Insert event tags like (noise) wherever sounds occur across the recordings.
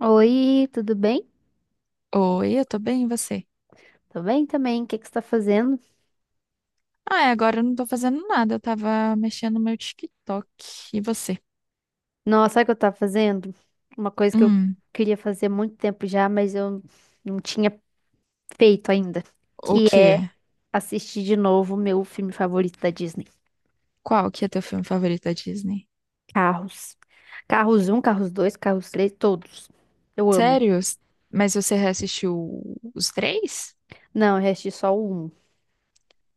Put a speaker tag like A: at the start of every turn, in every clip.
A: Oi, tudo bem?
B: Oi, eu tô bem, e você?
A: Tô bem também. O que que você tá fazendo?
B: Ah, é, agora eu não tô fazendo nada, eu tava mexendo no meu TikTok. E você?
A: Nossa, sabe o que eu tava fazendo? Uma coisa que eu
B: Hum,
A: queria fazer há muito tempo já, mas eu não tinha feito ainda,
B: o
A: que é
B: quê?
A: assistir de novo o meu filme favorito da Disney,
B: Qual que é teu filme favorito da Disney?
A: Carros. Carros um, Carros 2, Carros 3, todos. Eu amo.
B: Sério? Mas você reassistiu os três?
A: Não, eu assisti só o 1.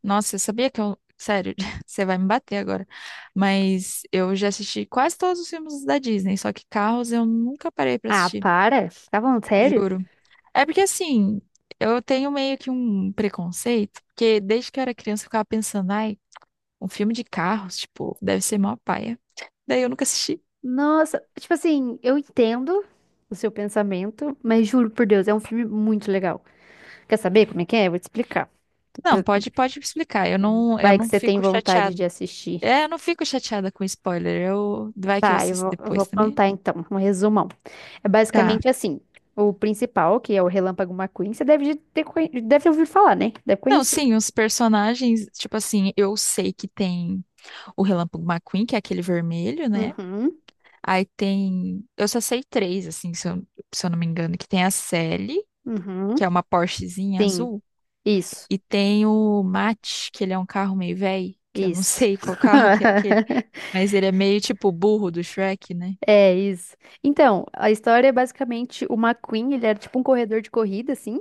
B: Nossa, eu sabia que eu... Sério, (laughs) você vai me bater agora. Mas eu já assisti quase todos os filmes da Disney, só que Carros eu nunca parei pra
A: Ah,
B: assistir,
A: para? Tá falando sério?
B: juro. É porque assim, eu tenho meio que um preconceito, porque desde que eu era criança eu ficava pensando, ai, um filme de carros, tipo, deve ser mó paia. Daí eu nunca assisti.
A: Nossa, tipo assim, eu entendo o seu pensamento, mas juro por Deus, é um filme muito legal. Quer saber como é que é? Eu vou te explicar.
B: Não, pode me explicar. Eu não, eu
A: Vai que
B: não
A: você tem
B: fico
A: vontade
B: chateada.
A: de assistir.
B: É, eu não fico chateada com spoiler. Eu, vai que eu
A: Tá,
B: assisto
A: eu vou
B: depois também.
A: contar então, um resumão. É
B: Tá.
A: basicamente assim: o principal, que é o Relâmpago McQueen, você deve ouvir falar, né? Deve
B: Não,
A: conhecer.
B: sim, os personagens, tipo assim, eu sei que tem o Relâmpago McQueen, que é aquele vermelho, né?
A: Uhum,
B: Aí tem, eu só sei três, assim, se eu não me engano, que tem a Sally, que
A: uhum,
B: é uma Porschezinha
A: sim,
B: azul,
A: isso,
B: e tem o Matt, que ele é um carro meio velho, que eu não (laughs)
A: isso.
B: sei qual carro que é aquele.
A: (laughs)
B: Mas ele é meio tipo o burro do Shrek, né?
A: É isso. Então, a história é basicamente o McQueen, ele era tipo um corredor de corrida, assim.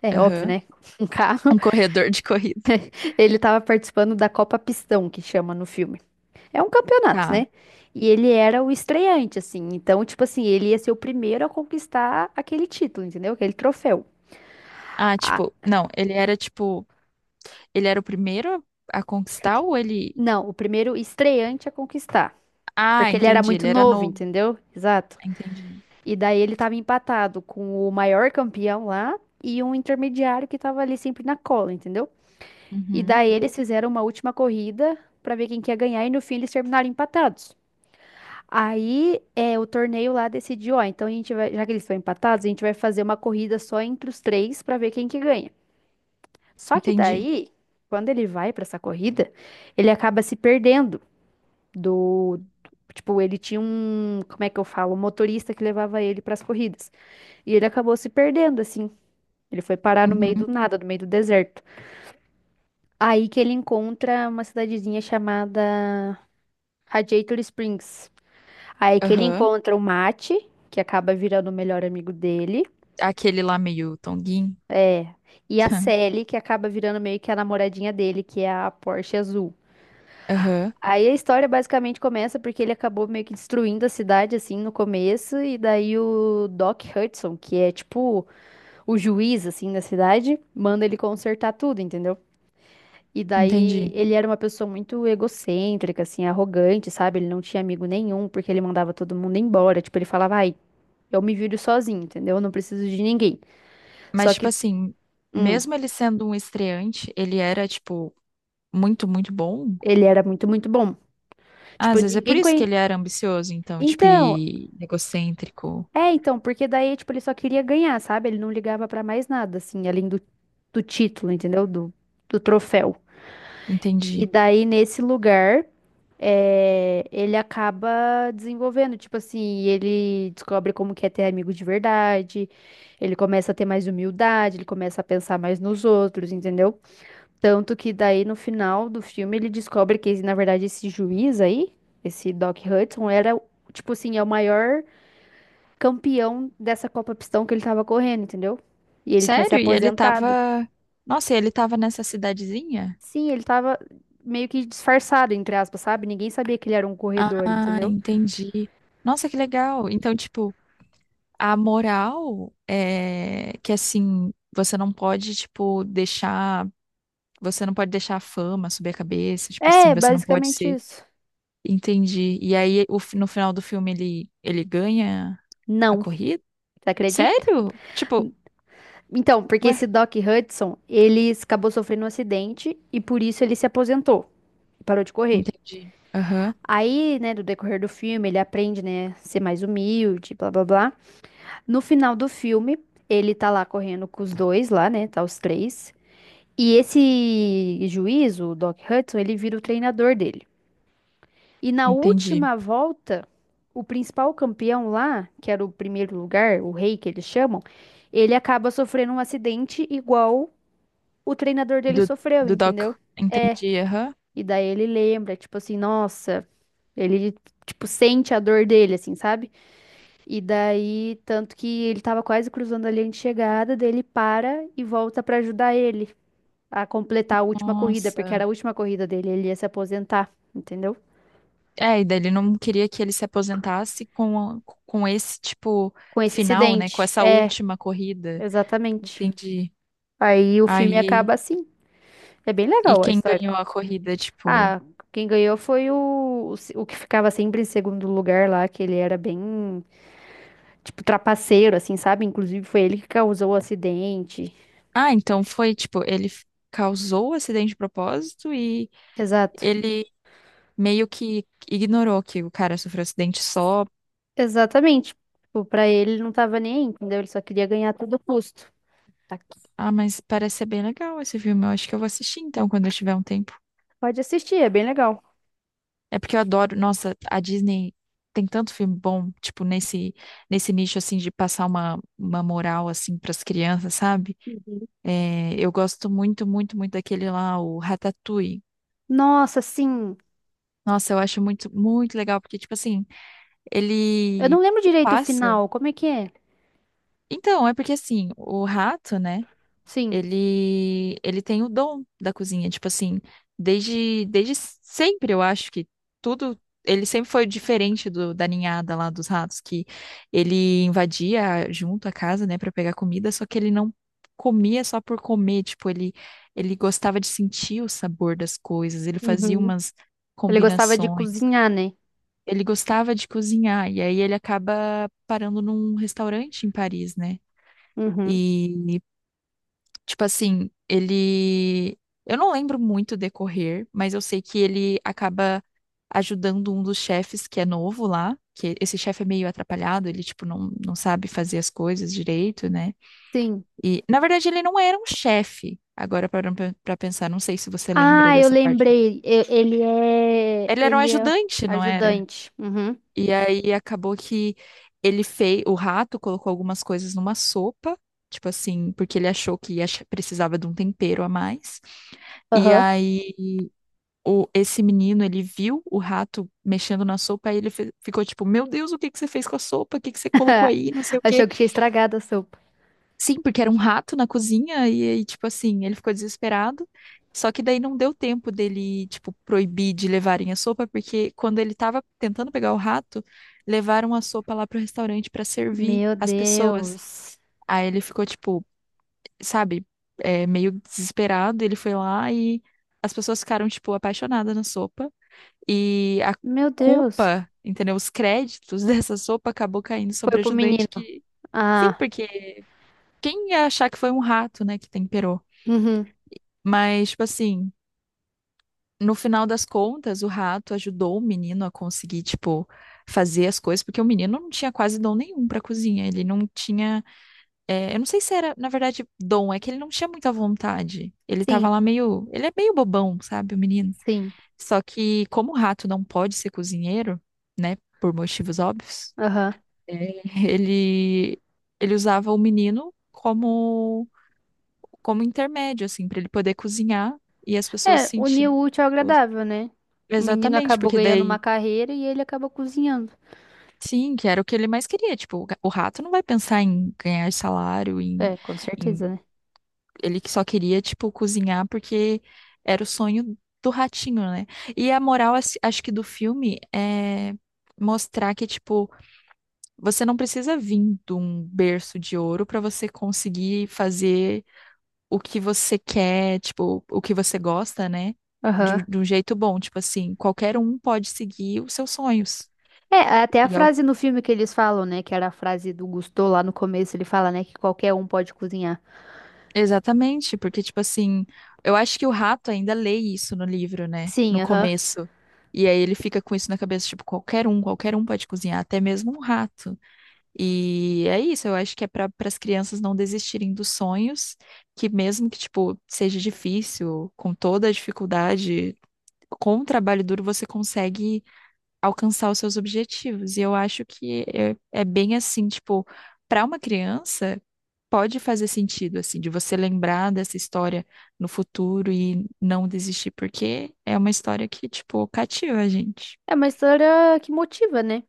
A: É óbvio,
B: Aham.
A: né? (laughs) Um carro.
B: Um corredor de corrida.
A: Ele tava participando da Copa Pistão, que chama no filme. É um campeonato,
B: Tá.
A: né? E ele era o estreante, assim. Então, tipo assim, ele ia ser o primeiro a conquistar aquele título, entendeu? Aquele troféu.
B: Ah,
A: Ah,
B: tipo, não, ele era tipo, ele era o primeiro a conquistar ou ele.
A: não, o primeiro estreante a conquistar.
B: Ah,
A: Porque ele era
B: entendi,
A: muito
B: ele era
A: novo,
B: novo.
A: entendeu? Exato.
B: Entendi.
A: E daí ele tava empatado com o maior campeão lá e um intermediário que tava ali sempre na cola, entendeu? E
B: Uhum.
A: daí eles fizeram uma última corrida pra ver quem que ia ganhar e no fim eles terminaram empatados. Aí é, o torneio lá decidiu, ó, então a gente vai, já que eles estão empatados, a gente vai fazer uma corrida só entre os três pra ver quem que ganha. Só que
B: Entendi.
A: daí, quando ele vai pra essa corrida, ele acaba se perdendo do, tipo, ele tinha um, como é que eu falo, um motorista que levava ele pras corridas. E ele acabou se perdendo assim. Ele foi parar no meio
B: Uhum.
A: do nada, no meio do deserto. Aí que ele encontra uma cidadezinha chamada Radiator Springs. Aí que ele
B: Aham.
A: encontra o Mate, que acaba virando o melhor amigo dele.
B: Aquele lá meio tonguinho.
A: É. E a
B: (laughs)
A: Sally, que acaba virando meio que a namoradinha dele, que é a Porsche azul.
B: Aham.
A: Aí a história basicamente começa porque ele acabou meio que destruindo a cidade, assim, no começo. E daí o Doc Hudson, que é tipo o juiz, assim, da cidade, manda ele consertar tudo, entendeu? E daí
B: Entendi.
A: ele era uma pessoa muito egocêntrica, assim, arrogante, sabe? Ele não tinha amigo nenhum, porque ele mandava todo mundo embora. Tipo, ele falava, ai, eu me viro sozinho, entendeu? Eu não preciso de ninguém.
B: Mas,
A: Só
B: tipo
A: que,
B: assim,
A: hum,
B: mesmo ele sendo um estreante, ele era, tipo, muito, muito bom.
A: ele era muito, muito bom.
B: Ah,
A: Tipo,
B: às vezes é por
A: ninguém
B: isso que
A: conhe...
B: ele era ambicioso, então, tipo,
A: Então,
B: e egocêntrico.
A: é, então, porque daí, tipo, ele só queria ganhar, sabe? Ele não ligava pra mais nada, assim, além do, do título, entendeu? Do, do troféu.
B: Entendi.
A: E daí, nesse lugar, é, ele acaba desenvolvendo, tipo assim, ele descobre como que é ter amigo de verdade, ele começa a ter mais humildade, ele começa a pensar mais nos outros, entendeu? Tanto que daí no final do filme ele descobre que, na verdade, esse juiz aí, esse Doc Hudson, era, tipo assim, é o maior campeão dessa Copa Pistão que ele tava correndo, entendeu? E ele tinha se
B: Sério? E ele
A: aposentado.
B: tava. Nossa, e ele tava nessa cidadezinha?
A: Sim, ele tava meio que disfarçado, entre aspas, sabe? Ninguém sabia que ele era um corredor,
B: Ah,
A: entendeu?
B: entendi. Nossa, que legal. Então, tipo, a moral é que assim, você não pode, tipo, deixar. Você não pode deixar a fama subir a cabeça, tipo assim,
A: É,
B: você não pode
A: basicamente
B: ser.
A: isso.
B: Entendi. E aí, no final do filme, ele ganha a
A: Não,
B: corrida?
A: você acredita?
B: Sério? Tipo,
A: Então, porque
B: ué,
A: esse Doc Hudson, ele acabou sofrendo um acidente e por isso ele se aposentou, e parou de correr.
B: entendi. Aham,
A: Aí, né, do decorrer do filme, ele aprende, né, ser mais humilde, blá blá blá. No final do filme, ele tá lá correndo com os dois lá, né, tá os três. E esse juiz, o Doc Hudson, ele vira o treinador dele. E na
B: entendi.
A: última volta, o principal campeão lá, que era o primeiro lugar, o rei que eles chamam, ele acaba sofrendo um acidente igual o treinador dele
B: Do,
A: sofreu,
B: do
A: entendeu?
B: Doc.
A: É.
B: Entendi, aham.
A: E daí ele lembra, tipo assim, nossa, ele, tipo, sente a dor dele, assim, sabe? E daí, tanto que ele tava quase cruzando a linha de chegada, daí ele para e volta pra ajudar ele a completar a última corrida, porque era
B: Nossa.
A: a última corrida dele, ele ia se aposentar, entendeu?
B: É, e daí ele não queria que ele se aposentasse com, com esse tipo
A: Com esse
B: final, né? Com
A: acidente.
B: essa
A: É,
B: última corrida.
A: exatamente.
B: Entendi.
A: Aí o filme
B: Aí,
A: acaba assim. É bem
B: e
A: legal a
B: quem
A: história.
B: ganhou a corrida, tipo.
A: Ah, quem ganhou foi o, se- o que ficava sempre em segundo lugar lá, que ele era bem, tipo, trapaceiro, assim, sabe? Inclusive foi ele que causou o acidente.
B: Ah, então foi, tipo, causou o acidente de propósito e
A: Exato.
B: ele meio que ignorou que o cara sofreu acidente só.
A: Exatamente. Tipo, pra ele ele não tava nem aí, entendeu? Ele só queria ganhar a todo custo. Tá aqui.
B: Ah, mas parece ser bem legal esse filme. Eu acho que eu vou assistir então quando eu tiver um tempo.
A: Pode assistir, é bem legal.
B: É porque eu adoro, nossa, a Disney tem tanto filme bom, tipo, nesse nicho, assim, de passar uma moral, assim, pras crianças, sabe?
A: Uhum.
B: É, eu gosto muito, muito, muito daquele lá, o Ratatouille.
A: Nossa, sim.
B: Nossa, eu acho muito, muito legal, porque, tipo assim,
A: Eu
B: ele
A: não lembro direito o
B: passa.
A: final. Como é que é?
B: Então, é porque, assim, o rato, né?
A: Sim.
B: Ele tem o dom da cozinha, tipo assim, desde sempre eu acho que tudo ele sempre foi diferente do da ninhada lá dos ratos que ele invadia junto a casa, né, para pegar comida, só que ele não comia só por comer, tipo, ele gostava de sentir o sabor das coisas, ele fazia
A: Uhum.
B: umas
A: Ele gostava de
B: combinações.
A: cozinhar, né?
B: Ele gostava de cozinhar e aí ele acaba parando num restaurante em Paris, né?
A: Uhum.
B: E tipo assim, ele. Eu não lembro muito o decorrer, mas eu sei que ele acaba ajudando um dos chefes que é novo lá, que esse chefe é meio atrapalhado, ele, tipo, não sabe fazer as coisas direito, né?
A: Sim.
B: E, na verdade, ele não era um chefe. Agora, parando pra pensar, não sei se você lembra
A: Ah, eu
B: dessa parte.
A: lembrei. E- Ele é.
B: Ele era um
A: Ele é
B: ajudante, não era?
A: ajudante. Uhum.
B: E aí acabou que ele fez. O rato colocou algumas coisas numa sopa, tipo assim, porque ele achou que precisava de um tempero a mais. E
A: Aham.
B: aí o, esse menino, ele viu o rato mexendo na sopa e ele ficou tipo, meu Deus, o que que você fez com a sopa? O que que você colocou
A: (laughs)
B: aí? Não sei o quê.
A: Achou que tinha estragado a sopa.
B: Sim, porque era um rato na cozinha e aí, tipo assim, ele ficou desesperado. Só que daí não deu tempo dele, tipo, proibir de levarem a sopa, porque quando ele tava tentando pegar o rato, levaram a sopa lá pro restaurante pra servir
A: Meu
B: as pessoas.
A: Deus.
B: Aí ele ficou, tipo, sabe, é, meio desesperado. Ele foi lá e as pessoas ficaram, tipo, apaixonadas na sopa. E a
A: Meu Deus.
B: culpa, entendeu? Os créditos (laughs) dessa sopa acabou caindo
A: Foi
B: sobre o
A: pro
B: ajudante
A: menino.
B: que. Sim,
A: Ah.
B: porque quem ia achar que foi um rato, né, que temperou?
A: Uhum.
B: Mas, tipo assim, no final das contas, o rato ajudou o menino a conseguir, tipo, fazer as coisas, porque o menino não tinha quase dom nenhum pra cozinha. Ele não tinha. É, eu não sei se era, na verdade, dom, é que ele não tinha muita vontade. Ele
A: Sim.
B: tava lá meio. Ele é meio bobão, sabe, o menino.
A: Sim,
B: Só que, como o rato não pode ser cozinheiro, né, por motivos óbvios.
A: aham.
B: É, Ele, ele usava o menino como, como intermédio, assim, para ele poder cozinhar e as pessoas
A: É, uniu
B: sentirem.
A: o útil ao
B: Os-
A: agradável, né? O menino
B: exatamente,
A: acabou
B: porque
A: ganhando uma
B: daí,
A: carreira e ele acabou cozinhando.
B: sim, que era o que ele mais queria. Tipo, o rato não vai pensar em ganhar salário, em,
A: É, com certeza,
B: em...
A: né?
B: Ele que só queria, tipo, cozinhar porque era o sonho do ratinho, né? E a moral, assim, acho que do filme é mostrar que, tipo, você não precisa vir de um berço de ouro para você conseguir fazer o que você quer, tipo, o que você gosta, né?
A: Aham.
B: De um jeito bom, tipo assim, qualquer um pode seguir os seus sonhos.
A: É, até a
B: E é o-
A: frase no filme que eles falam, né? Que era a frase do Gusteau lá no começo, ele fala, né? Que qualquer um pode cozinhar.
B: exatamente, porque, tipo assim, eu acho que o rato ainda lê isso no livro, né?
A: Sim,
B: No
A: aham.
B: começo. E aí ele fica com isso na cabeça, tipo, qualquer um pode cozinhar, até mesmo um rato. E é isso, eu acho que é para as crianças não desistirem dos sonhos, que mesmo que, tipo, seja difícil, com toda a dificuldade, com o trabalho duro você consegue alcançar os seus objetivos. E eu acho que é, é bem assim, tipo, para uma criança pode fazer sentido assim de você lembrar dessa história no futuro e não desistir, porque é uma história que, tipo, cativa a gente.
A: É uma história que motiva, né?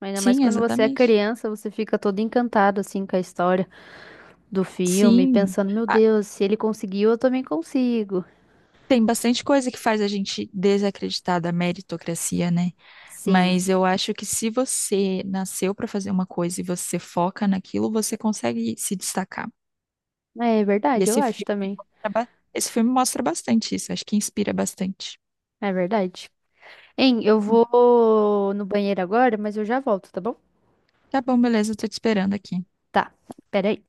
A: Ainda mais
B: Sim,
A: quando você é
B: exatamente.
A: criança, você fica todo encantado, assim, com a história do filme,
B: Sim.
A: pensando, meu
B: Ah,
A: Deus, se ele conseguiu, eu também consigo.
B: tem bastante coisa que faz a gente desacreditar da meritocracia, né?
A: Sim.
B: Mas eu acho que se você nasceu para fazer uma coisa e você foca naquilo, você consegue se destacar.
A: É
B: E
A: verdade, eu
B: esse
A: acho
B: filme
A: também.
B: esse filme mostra bastante isso, acho que inspira bastante.
A: É verdade. Hein, eu
B: Hum,
A: vou no banheiro agora, mas eu já volto, tá bom?
B: Tá bom, beleza, eu tô te esperando aqui.
A: Tá, peraí.